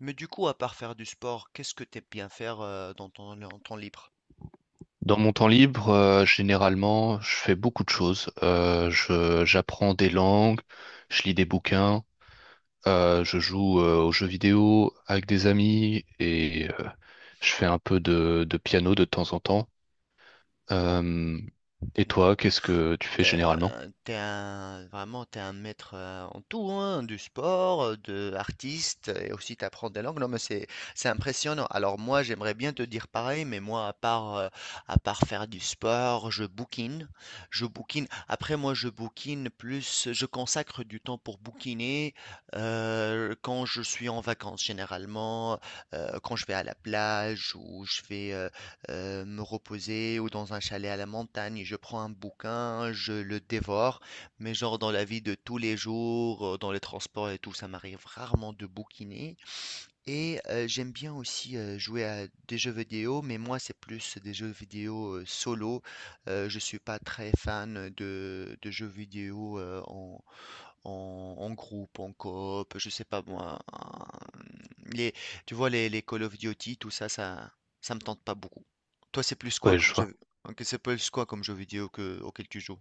Mais du coup, à part faire du sport, qu'est-ce que t'aimes bien faire dans ton en temps libre? Dans mon temps libre, généralement, je fais beaucoup de choses. J'apprends des langues, je lis des bouquins, je joue aux jeux vidéo avec des amis et je fais un peu de piano de temps en temps. Euh, et toi, qu'est-ce que tu fais T'es, généralement? euh, t'es un, vraiment, t'es un maître en tout, hein, du sport, de artiste, et aussi t'apprends des langues. Non, mais c'est impressionnant. Alors moi, j'aimerais bien te dire pareil, mais moi, à part faire du sport, je bouquine, je bouquine. Après, moi, je bouquine plus, je consacre du temps pour bouquiner quand je suis en vacances, généralement, quand je vais à la plage ou je vais me reposer ou dans un chalet à la montagne. Je prends un bouquin, je le dévore, mais genre dans la vie de tous les jours, dans les transports et tout, ça m'arrive rarement de bouquiner. Et j'aime bien aussi jouer à des jeux vidéo, mais moi c'est plus des jeux vidéo solo. Je suis pas très fan de jeux vidéo en, en groupe, en coop, je sais pas moi. Les, tu vois, les Call of Duty, tout ça me tente pas beaucoup. Toi, c'est plus quoi Ouais, je comme vois. jeu, ok, c'est plus quoi comme jeu vidéo auquel tu joues?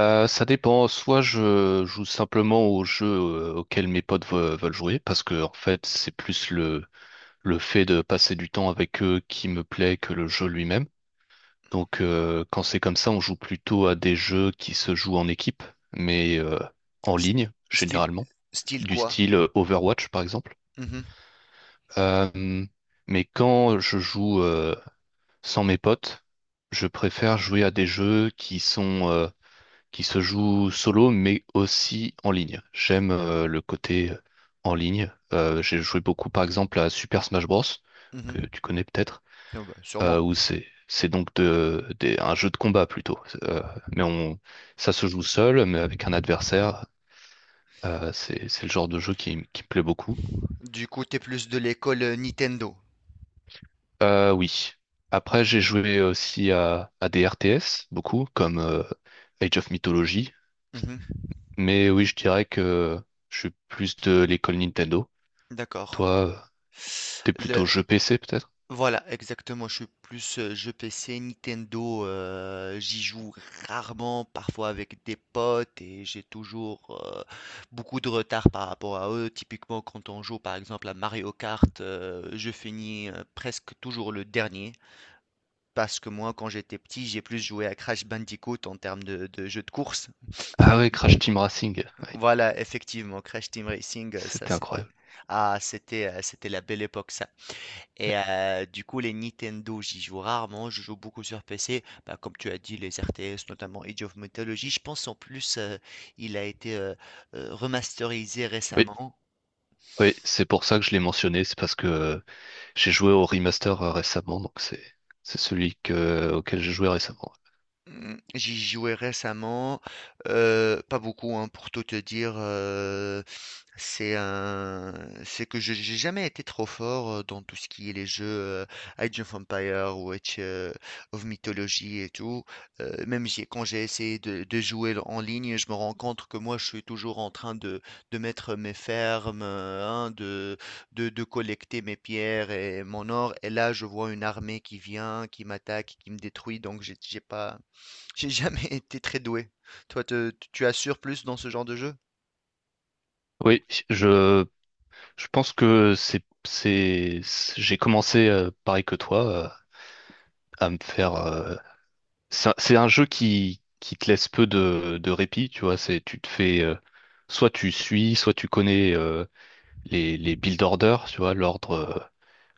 Ça dépend. Soit je joue simplement aux jeux auxquels mes potes veulent jouer, parce que en fait, c'est plus le fait de passer du temps avec eux qui me plaît que le jeu lui-même. Donc quand c'est comme ça, on joue plutôt à des jeux qui se jouent en équipe, mais en S- ligne Style, généralement, style du quoi? style Overwatch par exemple. Mhm, Euh, mais quand je joue sans mes potes, je préfère jouer à des jeux qui se jouent solo, mais aussi en ligne. J'aime le côté en ligne. J'ai joué beaucoup par exemple à Super Smash Bros. Que mhm. tu connais peut-être. Ah bah, sûrement. Où c'est donc un jeu de combat plutôt. Mais ça se joue seul, mais avec un adversaire. C'est le genre de jeu qui me plaît beaucoup. Du coup, t'es plus de l'école Nintendo. Oui. Après, j'ai joué aussi à des RTS, beaucoup, comme Age of Mythology. Mhm, Mais oui, je dirais que je suis plus de l'école Nintendo. Toi, d'accord. T'es plutôt jeu PC peut-être? Voilà, exactement. Je suis plus jeu PC, Nintendo. J'y joue rarement, parfois avec des potes, et j'ai toujours beaucoup de retard par rapport à eux. Typiquement, quand on joue par exemple à Mario Kart, je finis presque toujours le dernier. Parce que moi, quand j'étais petit, j'ai plus joué à Crash Bandicoot en termes de jeu de course. Ah oui, Crash Team Racing. Oui, Voilà, effectivement, Crash Team Racing, ça c'était c'était. incroyable. Ah, c'était la belle époque. Ça, et du coup, les Nintendo, j'y joue rarement, je joue beaucoup sur PC. Bah, comme tu as dit, les RTS, notamment Age of Mythology, je pense en plus, il a été, remasterisé Oui, récemment. oui, c'est pour ça que je l'ai mentionné. C'est parce que j'ai joué au remaster récemment, donc c'est celui auquel j'ai joué récemment. Mmh, j'y jouais récemment, pas beaucoup, hein, pour tout te dire, c'est un c'est que je j'ai jamais été trop fort, dans tout ce qui est les jeux, heu, Age of Empires ou Age, of Mythology et tout, même j'ai quand j'ai essayé de jouer en ligne, je me rends compte que moi, je suis toujours en train de mettre mes fermes, hein, de collecter mes pierres et mon or et là, je vois une armée qui vient, qui m'attaque, qui me détruit donc j'ai jamais été très doué. Toi, tu assures plus dans ce genre de jeu? Oui, je je pense que c'est- j'ai commencé pareil que toi à me faire. C'est un jeu qui te laisse peu de répit, tu vois. C'est, tu te fais, Soit tu suis, soit tu connais les build orders, tu vois,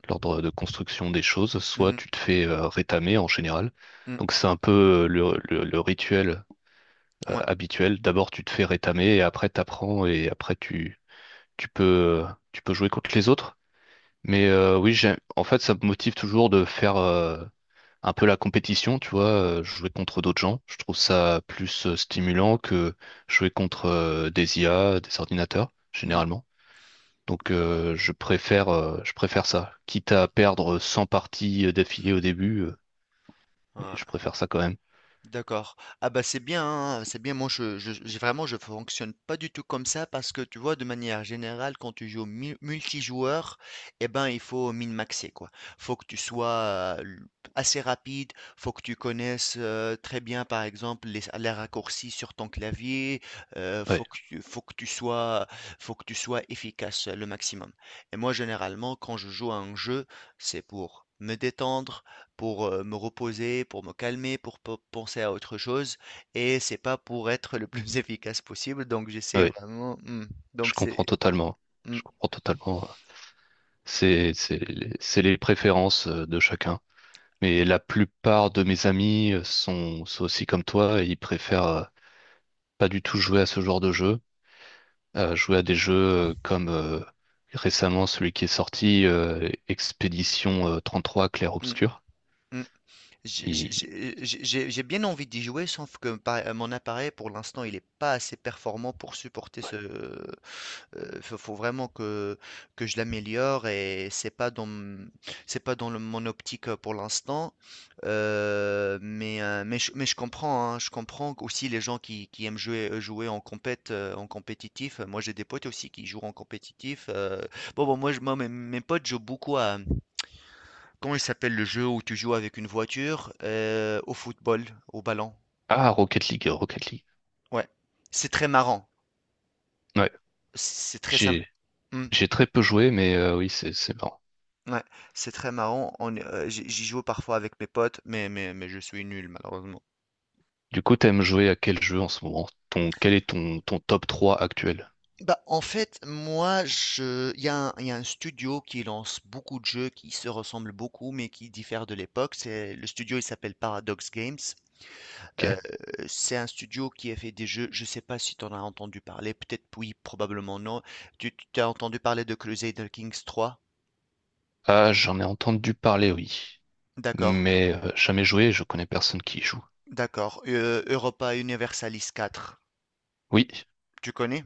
l'ordre de construction des choses, soit Mhm, tu te fais rétamer en général. Donc c'est un peu le rituel mm, ouais, habituel. D'abord tu te fais rétamer et après t'apprends et après tu peux, tu peux jouer contre les autres. Mais oui, en fait, ça me motive toujours de faire. Un peu la compétition, tu vois, jouer contre d'autres gens. Je trouve ça plus stimulant que jouer contre des IA, des ordinateurs, mm, généralement. Donc je préfère ça. Quitte à perdre 100 parties d'affilée au début, mais je ouais. préfère ça quand même. D'accord. Ah bah c'est bien, hein, c'est bien. Moi, je fonctionne pas du tout comme ça parce que tu vois, de manière générale, quand tu joues multijoueur, eh ben, il faut min-maxer quoi. Faut que tu sois assez rapide, faut que tu connaisses très bien, par exemple, les raccourcis sur ton clavier. euh, Ouais, faut que, tu- faut que tu sois, faut que tu sois efficace le maximum. Et moi, généralement, quand je joue à un jeu, c'est pour me détendre pour, me reposer, pour me calmer, pour pe penser à autre chose et c'est pas pour être le plus efficace possible donc j'essaie ouais, vraiment je donc comprends c'est totalement. mmh, Je comprends totalement. C'est les préférences de chacun. Mais la plupart de mes amis sont aussi comme toi et ils préfèrent pas du tout jouer à ce genre de jeu. Jouer à des jeux comme récemment celui qui est sorti, Expédition 33 Clair mmh, Obscur. mmh. J'ai Il- j'ai- j'ai- j'ai- bien envie d'y jouer, sauf que mon appareil, pour l'instant, il n'est pas assez performant pour supporter ce. Il faut vraiment que, je l'améliore et c'est pas dans mon optique pour l'instant. Mais je comprends, hein, je comprends aussi les gens qui aiment jouer, jouer en en compétitif. Moi, j'ai des potes aussi qui jouent en compétitif. Bon, bon, moi, moi, mes potes jouent beaucoup. Comment il s'appelle le jeu où tu joues avec une voiture au football, au ballon? Ah, Rocket League, Rocket League. Ouais, c'est très marrant. Ouais, C'est très sympa. j'ai Ouais, j'ai très peu joué, mais oui, c'est marrant. c'est très marrant. On est- j'y j'y joue parfois avec mes potes, mais je suis nul malheureusement. Du coup, t'aimes jouer à quel jeu en ce moment? Quel est ton top 3 actuel? Bah, en fait, il y a un studio qui lance beaucoup de jeux qui se ressemblent beaucoup, mais qui diffèrent de l'époque. Le studio, il s'appelle Paradox Games. Euh, Ok. c'est un studio qui a fait des jeux, je ne sais pas si tu en as entendu parler, peut-être oui, probablement non. Tu as entendu parler de Crusader Kings 3? Ah, j'en ai entendu parler, oui. D'accord, Mais jamais joué, je connais personne qui y joue. d'accord. Europa Universalis 4, Oui, tu connais?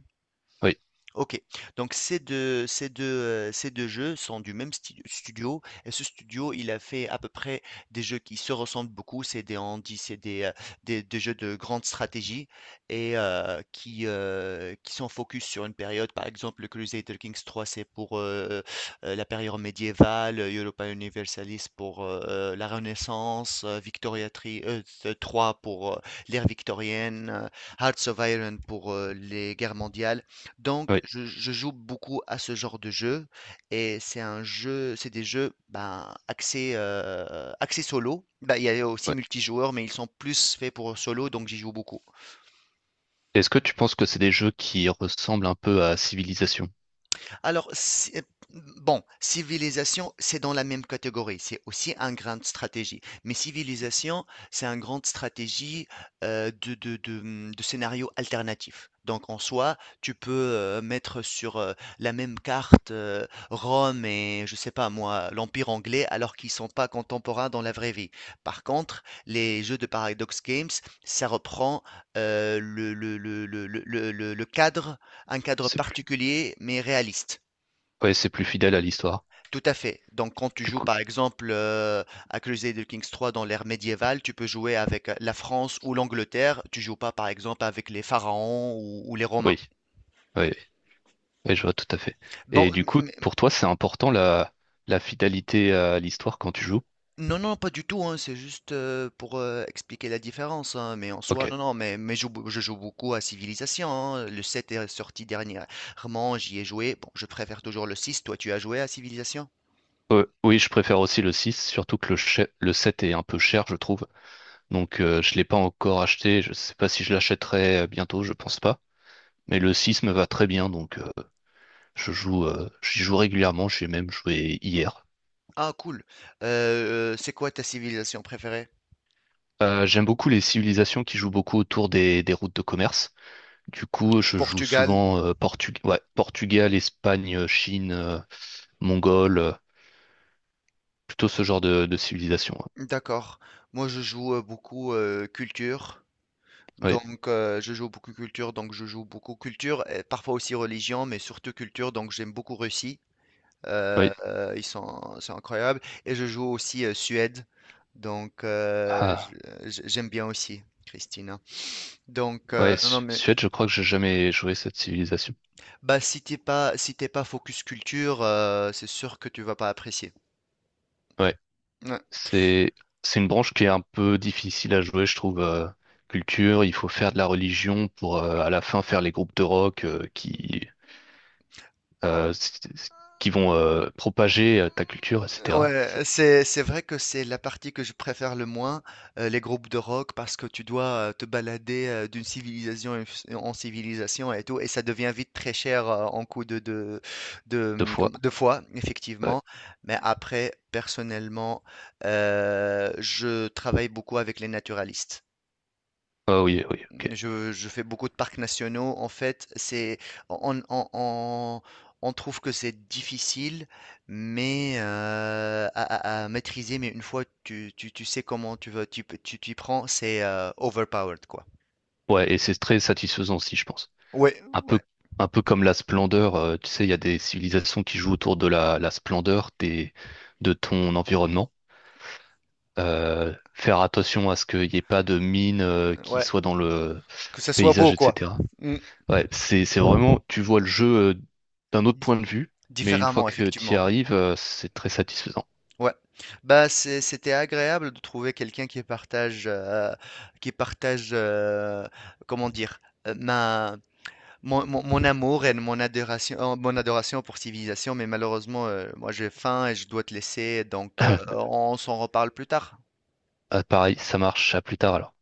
oui, OK. Donc ces deux jeux sont du même studio et ce studio, il a fait à peu près des jeux qui se ressemblent beaucoup. C'est des handis, c'est des jeux de grande stratégie et qui sont focus sur une période. Par exemple, le Crusader Kings 3, c'est pour, la période médiévale, Europa Universalis pour, la Renaissance, Victoria tri t pour, l'ère victorienne, Hearts of Iron pour, les guerres mondiales. Donc, oui, je joue beaucoup à ce genre de jeu et c'est des jeux ben, axés solo. Ben, il y a aussi oui. multijoueurs, mais ils sont plus faits pour solo, donc j'y joue beaucoup. Est-ce que tu penses que c'est des jeux qui ressemblent un peu à Civilization? Alors, bon, civilisation, c'est dans la même catégorie. C'est aussi une grande stratégie. Mais civilisation, c'est une grande stratégie de scénario alternatif. Donc, en soi, tu peux mettre sur la même carte Rome et, je sais pas moi, l'Empire anglais, alors qu'ils sont pas contemporains dans la vraie vie. Par contre, les jeux de Paradox Games, ça reprend euh, le, le, le, le, le, le cadre un cadre C'est plus, particulier mais réaliste. ouais, c'est plus fidèle à l'histoire. Tout à fait. Donc, quand tu Du joues coup, par exemple à Crusader Kings 3 dans l'ère médiévale, tu peux jouer avec la France ou l'Angleterre. Tu joues pas par exemple avec les pharaons ou les Romains. oui, oui, oui, oui, je vois tout à fait. Bon, Et du coup, pour toi, c'est important la fidélité à l'histoire quand tu joues? non, non, pas du tout. Hein, c'est juste pour expliquer la différence. Hein, mais en soi, Ok. non, non. Mais je joue beaucoup à Civilisation. Hein, le 7 est sorti dernièrement. J'y ai joué. Bon, je préfère toujours le 6. Toi, tu as joué à Civilisation? Oui, je préfère aussi le 6, surtout que le 7 est un peu cher, je trouve. Donc, je l'ai pas encore acheté. Je sais pas si je l'achèterai bientôt, je pense pas. Mais le 6 me va très bien, donc j'y joue régulièrement. J'ai même joué hier. Ah cool. C'est quoi ta civilisation préférée? J'aime beaucoup les civilisations qui jouent beaucoup autour des routes de commerce. Du coup, je joue Portugal? souvent ouais, Portugal, Espagne, Chine, Mongol, plutôt ce genre de civilisation. Ouais. D'accord. Moi je joue beaucoup culture. Oui, Donc je joue beaucoup culture, donc je joue beaucoup culture, et parfois aussi religion, mais surtout culture, donc j'aime beaucoup Russie. Oui. C'est incroyable. Et je joue aussi Suède. Donc Ah, j'aime bien aussi Christina. Ouais, Non, non, mais. Suède, je crois que j'ai jamais joué cette civilisation. Bah, si t'es pas focus culture, c'est sûr que tu vas pas apprécier. Ouais, Ouais, c'est c'est une branche qui est un peu difficile à jouer, je trouve. Culture, il faut faire de la religion pour à la fin faire les groupes de rock euh, s- s- qui vont propager ta culture, etc. ouais, C'est c'est vrai que c'est la partie que je préfère le moins, les groupes de rock, parce que tu dois te balader d'une civilisation en civilisation et tout, et ça devient vite très cher en coup de, de, de, deux hum, comme- fois. de fois, Ouais. effectivement. Mais après, personnellement, je travaille beaucoup avec les naturalistes. Ah oui, oui, ok. Je fais beaucoup de parcs nationaux. En fait, c'est on, on, on- on trouve que c'est difficile, mais à maîtriser. Mais une fois tu sais comment tu t'y prends, c'est overpowered quoi. Ouais, et c'est très satisfaisant aussi, je pense. Ouais, Un peu, ouais, un peu comme la splendeur, tu sais, il y a des civilisations qui jouent autour de la splendeur de ton environnement. Faire attention à ce qu'il n'y ait pas de mines qui ouais. soient dans le Que ça soit paysage, beau quoi. etc. Mm. Ouais, c'est vraiment, tu vois le jeu d'un autre Di- point de vue, mais une fois Différemment, que tu y effectivement. arrives, c'est très satisfaisant. Ouais. Bah c'était agréable de trouver quelqu'un qui partage, comment dire, euh, ma mon amour et mon adoration pour civilisation, mais malheureusement, moi j'ai faim et je dois te laisser, donc on s'en reparle plus tard. Ah, pareil, ça marche, à plus tard alors.